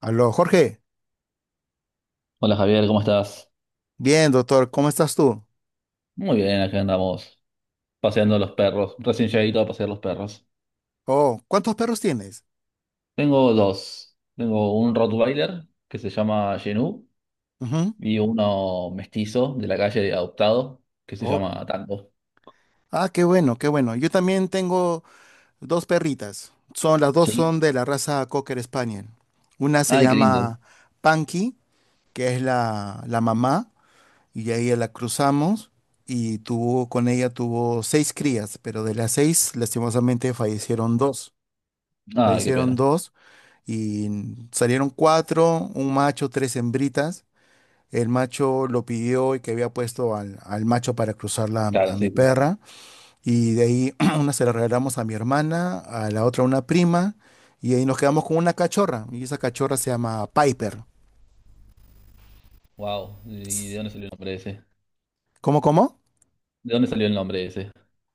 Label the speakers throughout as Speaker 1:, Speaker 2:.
Speaker 1: Aló, Jorge.
Speaker 2: Hola Javier, ¿cómo estás?
Speaker 1: Bien, doctor, ¿cómo estás tú?
Speaker 2: Muy bien, acá andamos paseando los perros. Recién llegadito a pasear los perros.
Speaker 1: Oh, ¿cuántos perros tienes?
Speaker 2: Tengo dos. Tengo un Rottweiler que se llama Genu
Speaker 1: Ujú.
Speaker 2: y uno mestizo de la calle adoptado que se
Speaker 1: Oh,
Speaker 2: llama Tango.
Speaker 1: ah, qué bueno, qué bueno. Yo también tengo dos perritas. Las dos
Speaker 2: ¿Sí?
Speaker 1: son de la raza Cocker Spaniel. Una se
Speaker 2: Ay, qué lindo.
Speaker 1: llama Panky, que es la mamá, y ahí la cruzamos, con ella tuvo seis crías, pero de las seis, lastimosamente, fallecieron dos.
Speaker 2: Ay, qué
Speaker 1: Fallecieron
Speaker 2: pena.
Speaker 1: dos, y salieron cuatro, un macho, tres hembritas. El macho lo pidió y que había puesto al macho para cruzarla
Speaker 2: Claro,
Speaker 1: a mi
Speaker 2: sí.
Speaker 1: perra. Y de ahí una se la regalamos a mi hermana, a la otra a una prima. Y ahí nos quedamos con una cachorra. Y esa cachorra se llama Piper.
Speaker 2: Wow. ¿Y de dónde salió el nombre ese?
Speaker 1: ¿Cómo, cómo?
Speaker 2: ¿De dónde salió el nombre ese?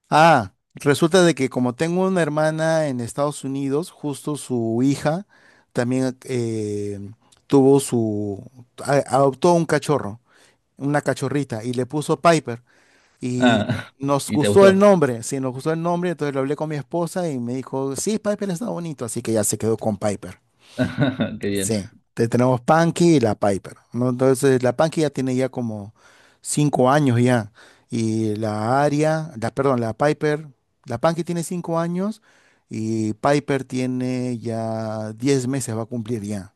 Speaker 1: Ah, resulta de que como tengo una hermana en Estados Unidos, justo su hija también tuvo su... adoptó un cachorro, una cachorrita, y le puso Piper. Y
Speaker 2: Ah,
Speaker 1: nos
Speaker 2: ¿y te
Speaker 1: gustó el
Speaker 2: gustó?
Speaker 1: nombre, sí, nos gustó el nombre, entonces lo hablé con mi esposa y me dijo, sí, Piper está bonito, así que ya se quedó con Piper.
Speaker 2: Qué bien.
Speaker 1: Sí, tenemos Punky y la Piper, ¿no? Entonces la Punky ya tiene ya como 5 años ya, y la Aria, la, perdón, la Piper, la Punky tiene 5 años y Piper tiene ya 10 meses, va a cumplir ya.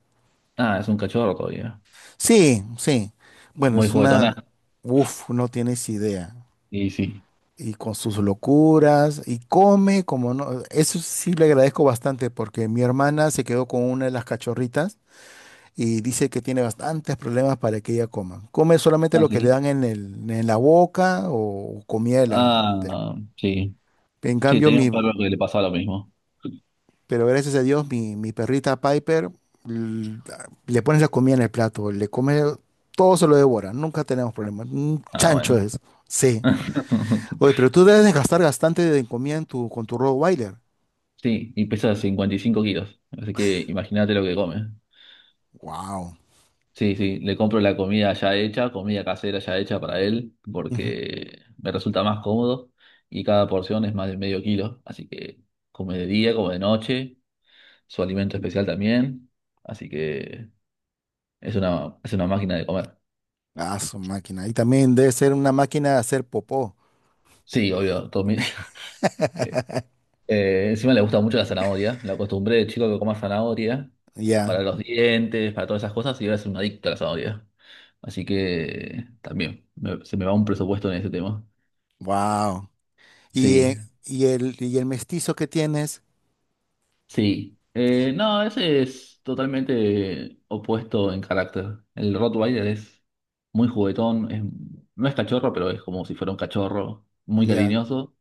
Speaker 2: Ah, es un cachorro todavía.
Speaker 1: Sí, sí, bueno,
Speaker 2: Muy
Speaker 1: es una,
Speaker 2: juguetona.
Speaker 1: uff, no tienes idea.
Speaker 2: Y sí.
Speaker 1: Y con sus locuras y come como no. Eso sí le agradezco bastante porque mi hermana se quedó con una de las cachorritas y dice que tiene bastantes problemas para que ella coma. Come solamente
Speaker 2: Ah,
Speaker 1: lo que le
Speaker 2: sí.
Speaker 1: dan en la boca o comida
Speaker 2: Ah, sí.
Speaker 1: En
Speaker 2: Sí,
Speaker 1: cambio,
Speaker 2: tenía un perro que le pasaba lo mismo.
Speaker 1: pero gracias a Dios, mi perrita Piper l- le pones la comida en el plato, le come, todo se lo devora, nunca tenemos problemas. Un
Speaker 2: Ah,
Speaker 1: chancho
Speaker 2: bueno.
Speaker 1: es. Sí. Oye, pero tú debes de gastar bastante de comida con tu Rottweiler.
Speaker 2: Sí, y pesa 55 kilos. Así que imagínate lo que come.
Speaker 1: Wow.
Speaker 2: Sí, sí, le compro la comida ya hecha, comida casera ya hecha para él,
Speaker 1: Ujú.
Speaker 2: porque me resulta más cómodo y cada porción es más de medio kilo. Así que come de día, come de noche, su alimento especial también. Así que es una máquina de comer.
Speaker 1: Ah, su máquina. Y también debe ser una máquina de hacer popó.
Speaker 2: Sí, obvio, todo mi- Encima le gusta mucho la zanahoria. La acostumbré de chico que coma zanahoria para
Speaker 1: Ya.
Speaker 2: los dientes, para todas esas cosas, y ahora es un adicto a la zanahoria. Así que también me- se me va un presupuesto en ese tema.
Speaker 1: Wow. Y,
Speaker 2: Sí,
Speaker 1: eh, y el, y el mestizo que tienes.
Speaker 2: sí. No, ese es totalmente opuesto en carácter. El Rottweiler es muy juguetón, es- no es cachorro, pero es como si fuera un cachorro, muy
Speaker 1: Ya.
Speaker 2: cariñoso.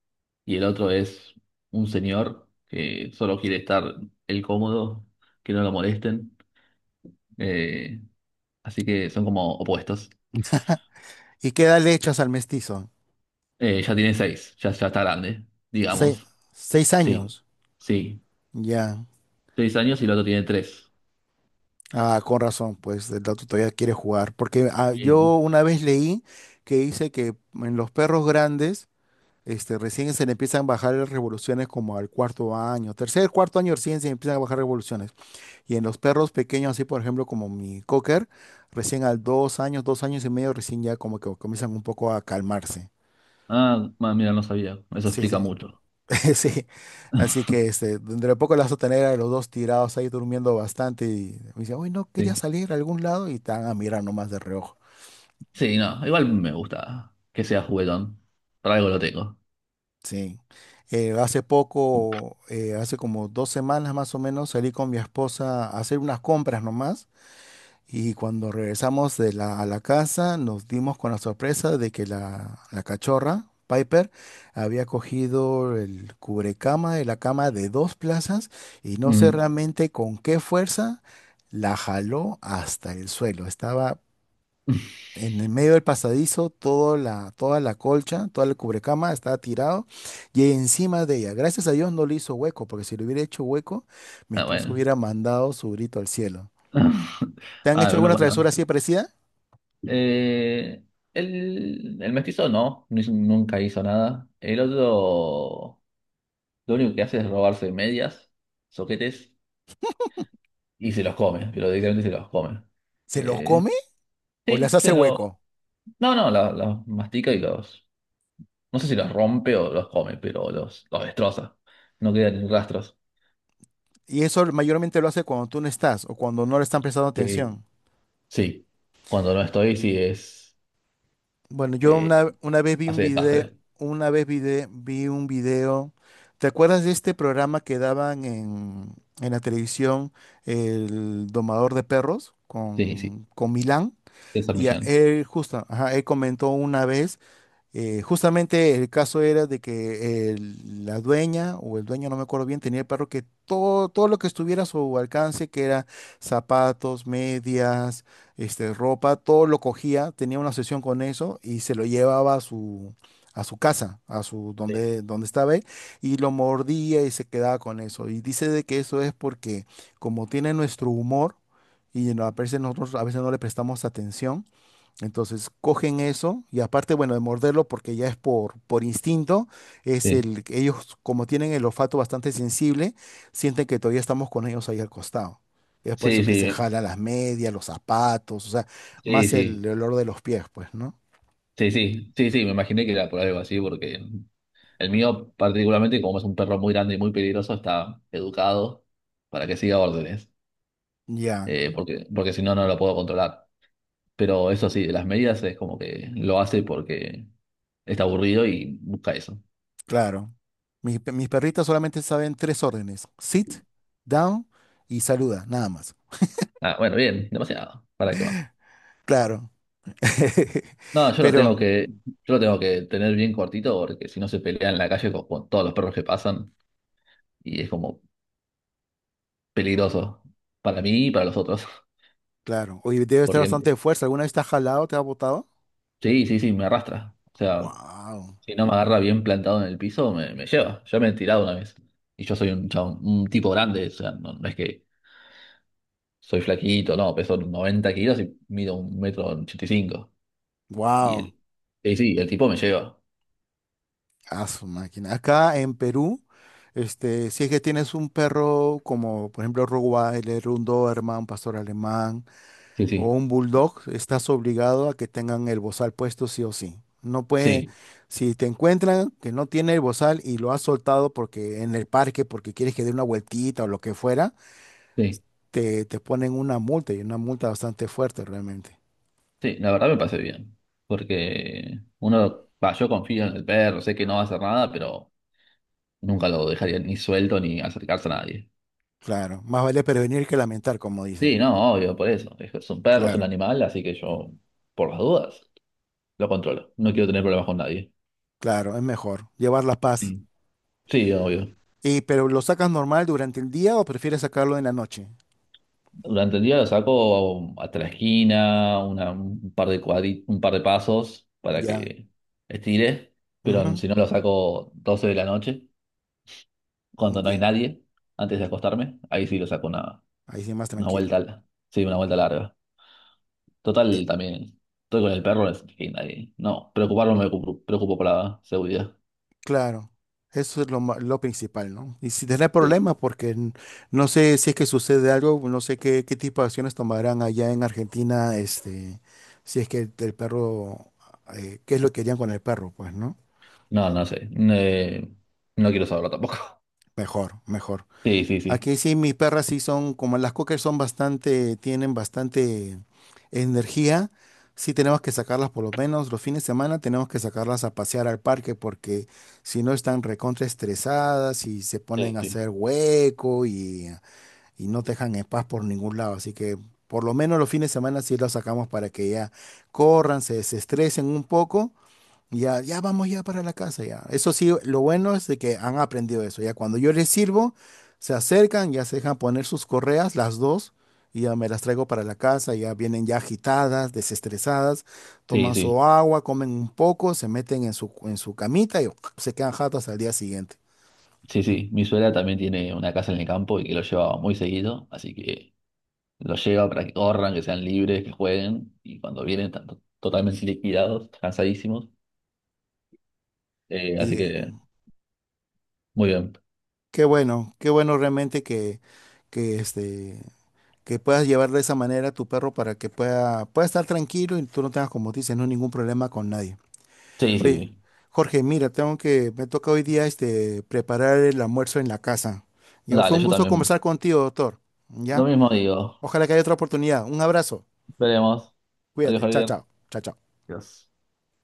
Speaker 2: Y el otro es un señor que solo quiere estar el cómodo, que no lo molesten. Eh, Así que son como opuestos.
Speaker 1: ¿Y qué edad le echas al mestizo?
Speaker 2: Ya tiene seis, ya, ya está grande,
Speaker 1: Se-
Speaker 2: digamos.
Speaker 1: seis
Speaker 2: Sí,
Speaker 1: años.
Speaker 2: sí.
Speaker 1: Ya.
Speaker 2: Seis años y el otro tiene tres.
Speaker 1: Ah, con razón, pues el dato todavía quiere jugar. Porque ah, yo
Speaker 2: Sí.
Speaker 1: una vez leí que dice que en los perros grandes, este, recién se le empiezan a bajar las revoluciones como al cuarto año. Tercer, cuarto año recién se empiezan a bajar revoluciones. Y en los perros pequeños, así por ejemplo como mi cocker, recién a 2 años, 2 años y medio, recién ya como que comienzan un poco a calmarse.
Speaker 2: Ah, ma- mira, no sabía. Eso
Speaker 1: Sí,
Speaker 2: explica
Speaker 1: sí,
Speaker 2: mucho.
Speaker 1: sí. Así que este, dentro de poco las vas a tener a los dos tirados ahí durmiendo bastante y me dicen, uy, no quería
Speaker 2: Sí.
Speaker 1: salir a algún lado y te van a mirar nomás de reojo.
Speaker 2: Sí, no, igual me gusta que sea juguetón. Para algo lo tengo.
Speaker 1: Sí. Hace poco, hace como 2 semanas más o menos, salí con mi esposa a hacer unas compras nomás. Y cuando regresamos a la casa, nos dimos con la sorpresa de que la cachorra, Piper, había cogido el cubrecama de la cama de dos plazas y no sé
Speaker 2: Mm.
Speaker 1: realmente con qué fuerza la jaló hasta el suelo. Estaba en el medio del pasadizo, todo la, toda la colcha, toda la cubrecama estaba tirado y encima de ella. Gracias a Dios no le hizo hueco, porque si le hubiera hecho hueco, mi
Speaker 2: Ah,
Speaker 1: esposo
Speaker 2: bueno.
Speaker 1: hubiera mandado su grito al cielo. ¿Te han
Speaker 2: Ah,
Speaker 1: hecho
Speaker 2: bueno,
Speaker 1: alguna
Speaker 2: bueno.
Speaker 1: travesura así parecida?
Speaker 2: Eh, el mestizo no, no hizo- nunca hizo nada. El otro, lo único que hace es robarse medias, soquetes. Y se los come, pero directamente se los come.
Speaker 1: Se los
Speaker 2: Eh,
Speaker 1: come o les
Speaker 2: sí,
Speaker 1: hace
Speaker 2: se lo.
Speaker 1: hueco.
Speaker 2: No, no, los mastica y los. No sé si los rompe o los come, pero los destroza. No quedan ni rastros.
Speaker 1: Y eso mayormente lo hace cuando tú no estás o cuando no le están prestando
Speaker 2: Sí,
Speaker 1: atención.
Speaker 2: sí. Cuando no estoy, sí es.
Speaker 1: Bueno, yo
Speaker 2: eh,
Speaker 1: una vez vi un
Speaker 2: Hace
Speaker 1: video,
Speaker 2: desastre.
Speaker 1: una vez vi un video. ¿Te acuerdas de este programa que daban en la televisión, El Domador de Perros,
Speaker 2: Sí, sí.
Speaker 1: con Milán?
Speaker 2: Es Millán.
Speaker 1: Él justo, ajá, él comentó una vez. Justamente el caso era de que la dueña o el dueño, no me acuerdo bien, tenía el perro que todo lo que estuviera a su alcance, que era zapatos, medias, este, ropa, todo lo cogía, tenía una sesión con eso y se lo llevaba a su casa,
Speaker 2: Sí.
Speaker 1: donde estaba él, y lo mordía y se quedaba con eso. Y dice de que eso es porque como tiene nuestro humor y no, a veces nosotros a veces no le prestamos atención, entonces cogen eso y aparte, bueno, de morderlo porque ya es por instinto, es
Speaker 2: Sí.
Speaker 1: el, ellos como tienen el olfato bastante sensible, sienten que todavía estamos con ellos ahí al costado. Es por
Speaker 2: Sí,
Speaker 1: eso que se
Speaker 2: sí.
Speaker 1: jala las medias, los zapatos, o sea,
Speaker 2: Sí,
Speaker 1: más el,
Speaker 2: sí.
Speaker 1: olor de los pies, pues, ¿no?
Speaker 2: Sí, sí. Sí, sí. Me imaginé que era por algo así, porque el mío, particularmente, como es un perro muy grande y muy peligroso, está educado para que siga órdenes.
Speaker 1: Ya,
Speaker 2: Porque si no, no lo puedo controlar. Pero eso sí, de las medidas es como que lo hace porque está aburrido y busca eso.
Speaker 1: claro. Mis perritas solamente saben tres órdenes, sit, down y saluda, nada más.
Speaker 2: Ah, bueno, bien, demasiado. ¿Para qué más?
Speaker 1: Claro.
Speaker 2: No, yo lo tengo
Speaker 1: Pero,
Speaker 2: que, Yo lo tengo que tener bien cortito porque si no se pelea en la calle con todos los perros que pasan y es como peligroso para mí y para los otros.
Speaker 1: claro, hoy debe estar bastante
Speaker 2: Porque
Speaker 1: de fuerza. ¿Alguna vez te has jalado, te has botado?
Speaker 2: sí, sí, sí, me arrastra. O sea,
Speaker 1: Wow.
Speaker 2: si no me agarra bien plantado en el piso, me lleva. Ya me he tirado una vez. Y yo soy un, chabón- un tipo grande, o sea, no, no es que soy flaquito, no, peso 90 kilos y mido un metro 85. Y,
Speaker 1: Wow,
Speaker 2: cinco. Y sí, el tipo me lleva.
Speaker 1: a su máquina. Acá en Perú, este, si es que tienes un perro como, por ejemplo, Rottweiler, un Doberman, un pastor alemán
Speaker 2: Sí,
Speaker 1: o
Speaker 2: sí,
Speaker 1: un bulldog, estás obligado a que tengan el bozal puesto sí o sí. No puede,
Speaker 2: sí,
Speaker 1: si te encuentran que no tiene el bozal y lo has soltado porque en el parque, porque quieres que dé una vueltita o lo que fuera,
Speaker 2: sí,
Speaker 1: te ponen una multa y una multa bastante fuerte realmente.
Speaker 2: sí, la verdad me pasé bien. Porque uno, va, yo confío en el perro, sé que no va a hacer nada, pero nunca lo dejaría ni suelto ni acercarse a nadie.
Speaker 1: Claro, más vale prevenir que lamentar, como dicen.
Speaker 2: Sí, no, obvio, por eso. Es un perro, es un
Speaker 1: Claro,
Speaker 2: animal, así que yo, por las dudas, lo controlo. No quiero tener problemas con nadie.
Speaker 1: claro, es mejor llevar la paz.
Speaker 2: Sí, sí, obvio.
Speaker 1: Y, pero ¿lo sacas normal durante el día o prefieres sacarlo en la noche?
Speaker 2: Durante el día lo saco hasta la esquina, una- un par de cuadri- un par de pasos para
Speaker 1: Ya.
Speaker 2: que estire, pero
Speaker 1: Ujú,
Speaker 2: si no lo saco 12 de la noche, cuando no hay
Speaker 1: ya.
Speaker 2: nadie, antes de acostarme, ahí sí lo saco
Speaker 1: Ahí sí más
Speaker 2: una
Speaker 1: tranquilo.
Speaker 2: vuelta, al- sí, una vuelta larga.
Speaker 1: Eh,
Speaker 2: Total, también estoy con el perro, es que nadie, no, preocuparme me preocupo, preocupo por la seguridad.
Speaker 1: claro. Eso es lo, lo principal, ¿no? Y si tenés problemas,
Speaker 2: Sí.
Speaker 1: porque no sé si es que sucede algo, no sé qué, qué tipo de acciones tomarán allá en Argentina, este, si es que el perro, qué es lo que harían con el perro, pues, ¿no?
Speaker 2: No, no sé, no quiero saberlo tampoco.
Speaker 1: Mejor, mejor.
Speaker 2: Sí, sí, sí,
Speaker 1: Aquí sí, mis perras sí son, como las cocker son bastante, tienen bastante energía. Sí tenemos que sacarlas por lo menos los fines de semana, tenemos que sacarlas a pasear al parque porque si no están recontra estresadas y se ponen
Speaker 2: sí,
Speaker 1: a
Speaker 2: sí,
Speaker 1: hacer hueco y no te dejan en paz por ningún lado. Así que por lo menos los fines de semana sí las sacamos para que ya corran, se desestresen un poco ya, ya vamos ya para la casa, ya. Eso sí, lo bueno es de que han aprendido eso. Ya cuando yo les sirvo, se acercan, ya se dejan poner sus correas, las dos, y ya me las traigo para la casa, ya vienen ya agitadas, desestresadas,
Speaker 2: sí,
Speaker 1: toman
Speaker 2: sí.
Speaker 1: su agua, comen un poco, se meten en su camita y se quedan jatas al día siguiente.
Speaker 2: Sí, sí, mi suegra también tiene una casa en el campo y que lo lleva muy seguido, así que lo lleva para que corran, que sean libres, que jueguen, y cuando vienen están to- totalmente liquidados, cansadísimos, así
Speaker 1: Y
Speaker 2: que muy bien.
Speaker 1: qué bueno realmente que este, que puedas llevar de esa manera a tu perro para que pueda estar tranquilo y tú no tengas, como dices, no ningún problema con nadie.
Speaker 2: Sí, sí,
Speaker 1: Oye,
Speaker 2: sí.
Speaker 1: Jorge, mira, tengo que, me toca hoy día este preparar el almuerzo en la casa. Ya fue
Speaker 2: Dale,
Speaker 1: un
Speaker 2: yo
Speaker 1: gusto
Speaker 2: también.
Speaker 1: conversar contigo, doctor.
Speaker 2: Lo
Speaker 1: ¿Ya?
Speaker 2: mismo digo.
Speaker 1: Ojalá que haya otra oportunidad. Un abrazo.
Speaker 2: Veremos. Adiós,
Speaker 1: Cuídate. Chao,
Speaker 2: Javier.
Speaker 1: chao. Chao, chao.
Speaker 2: Adiós.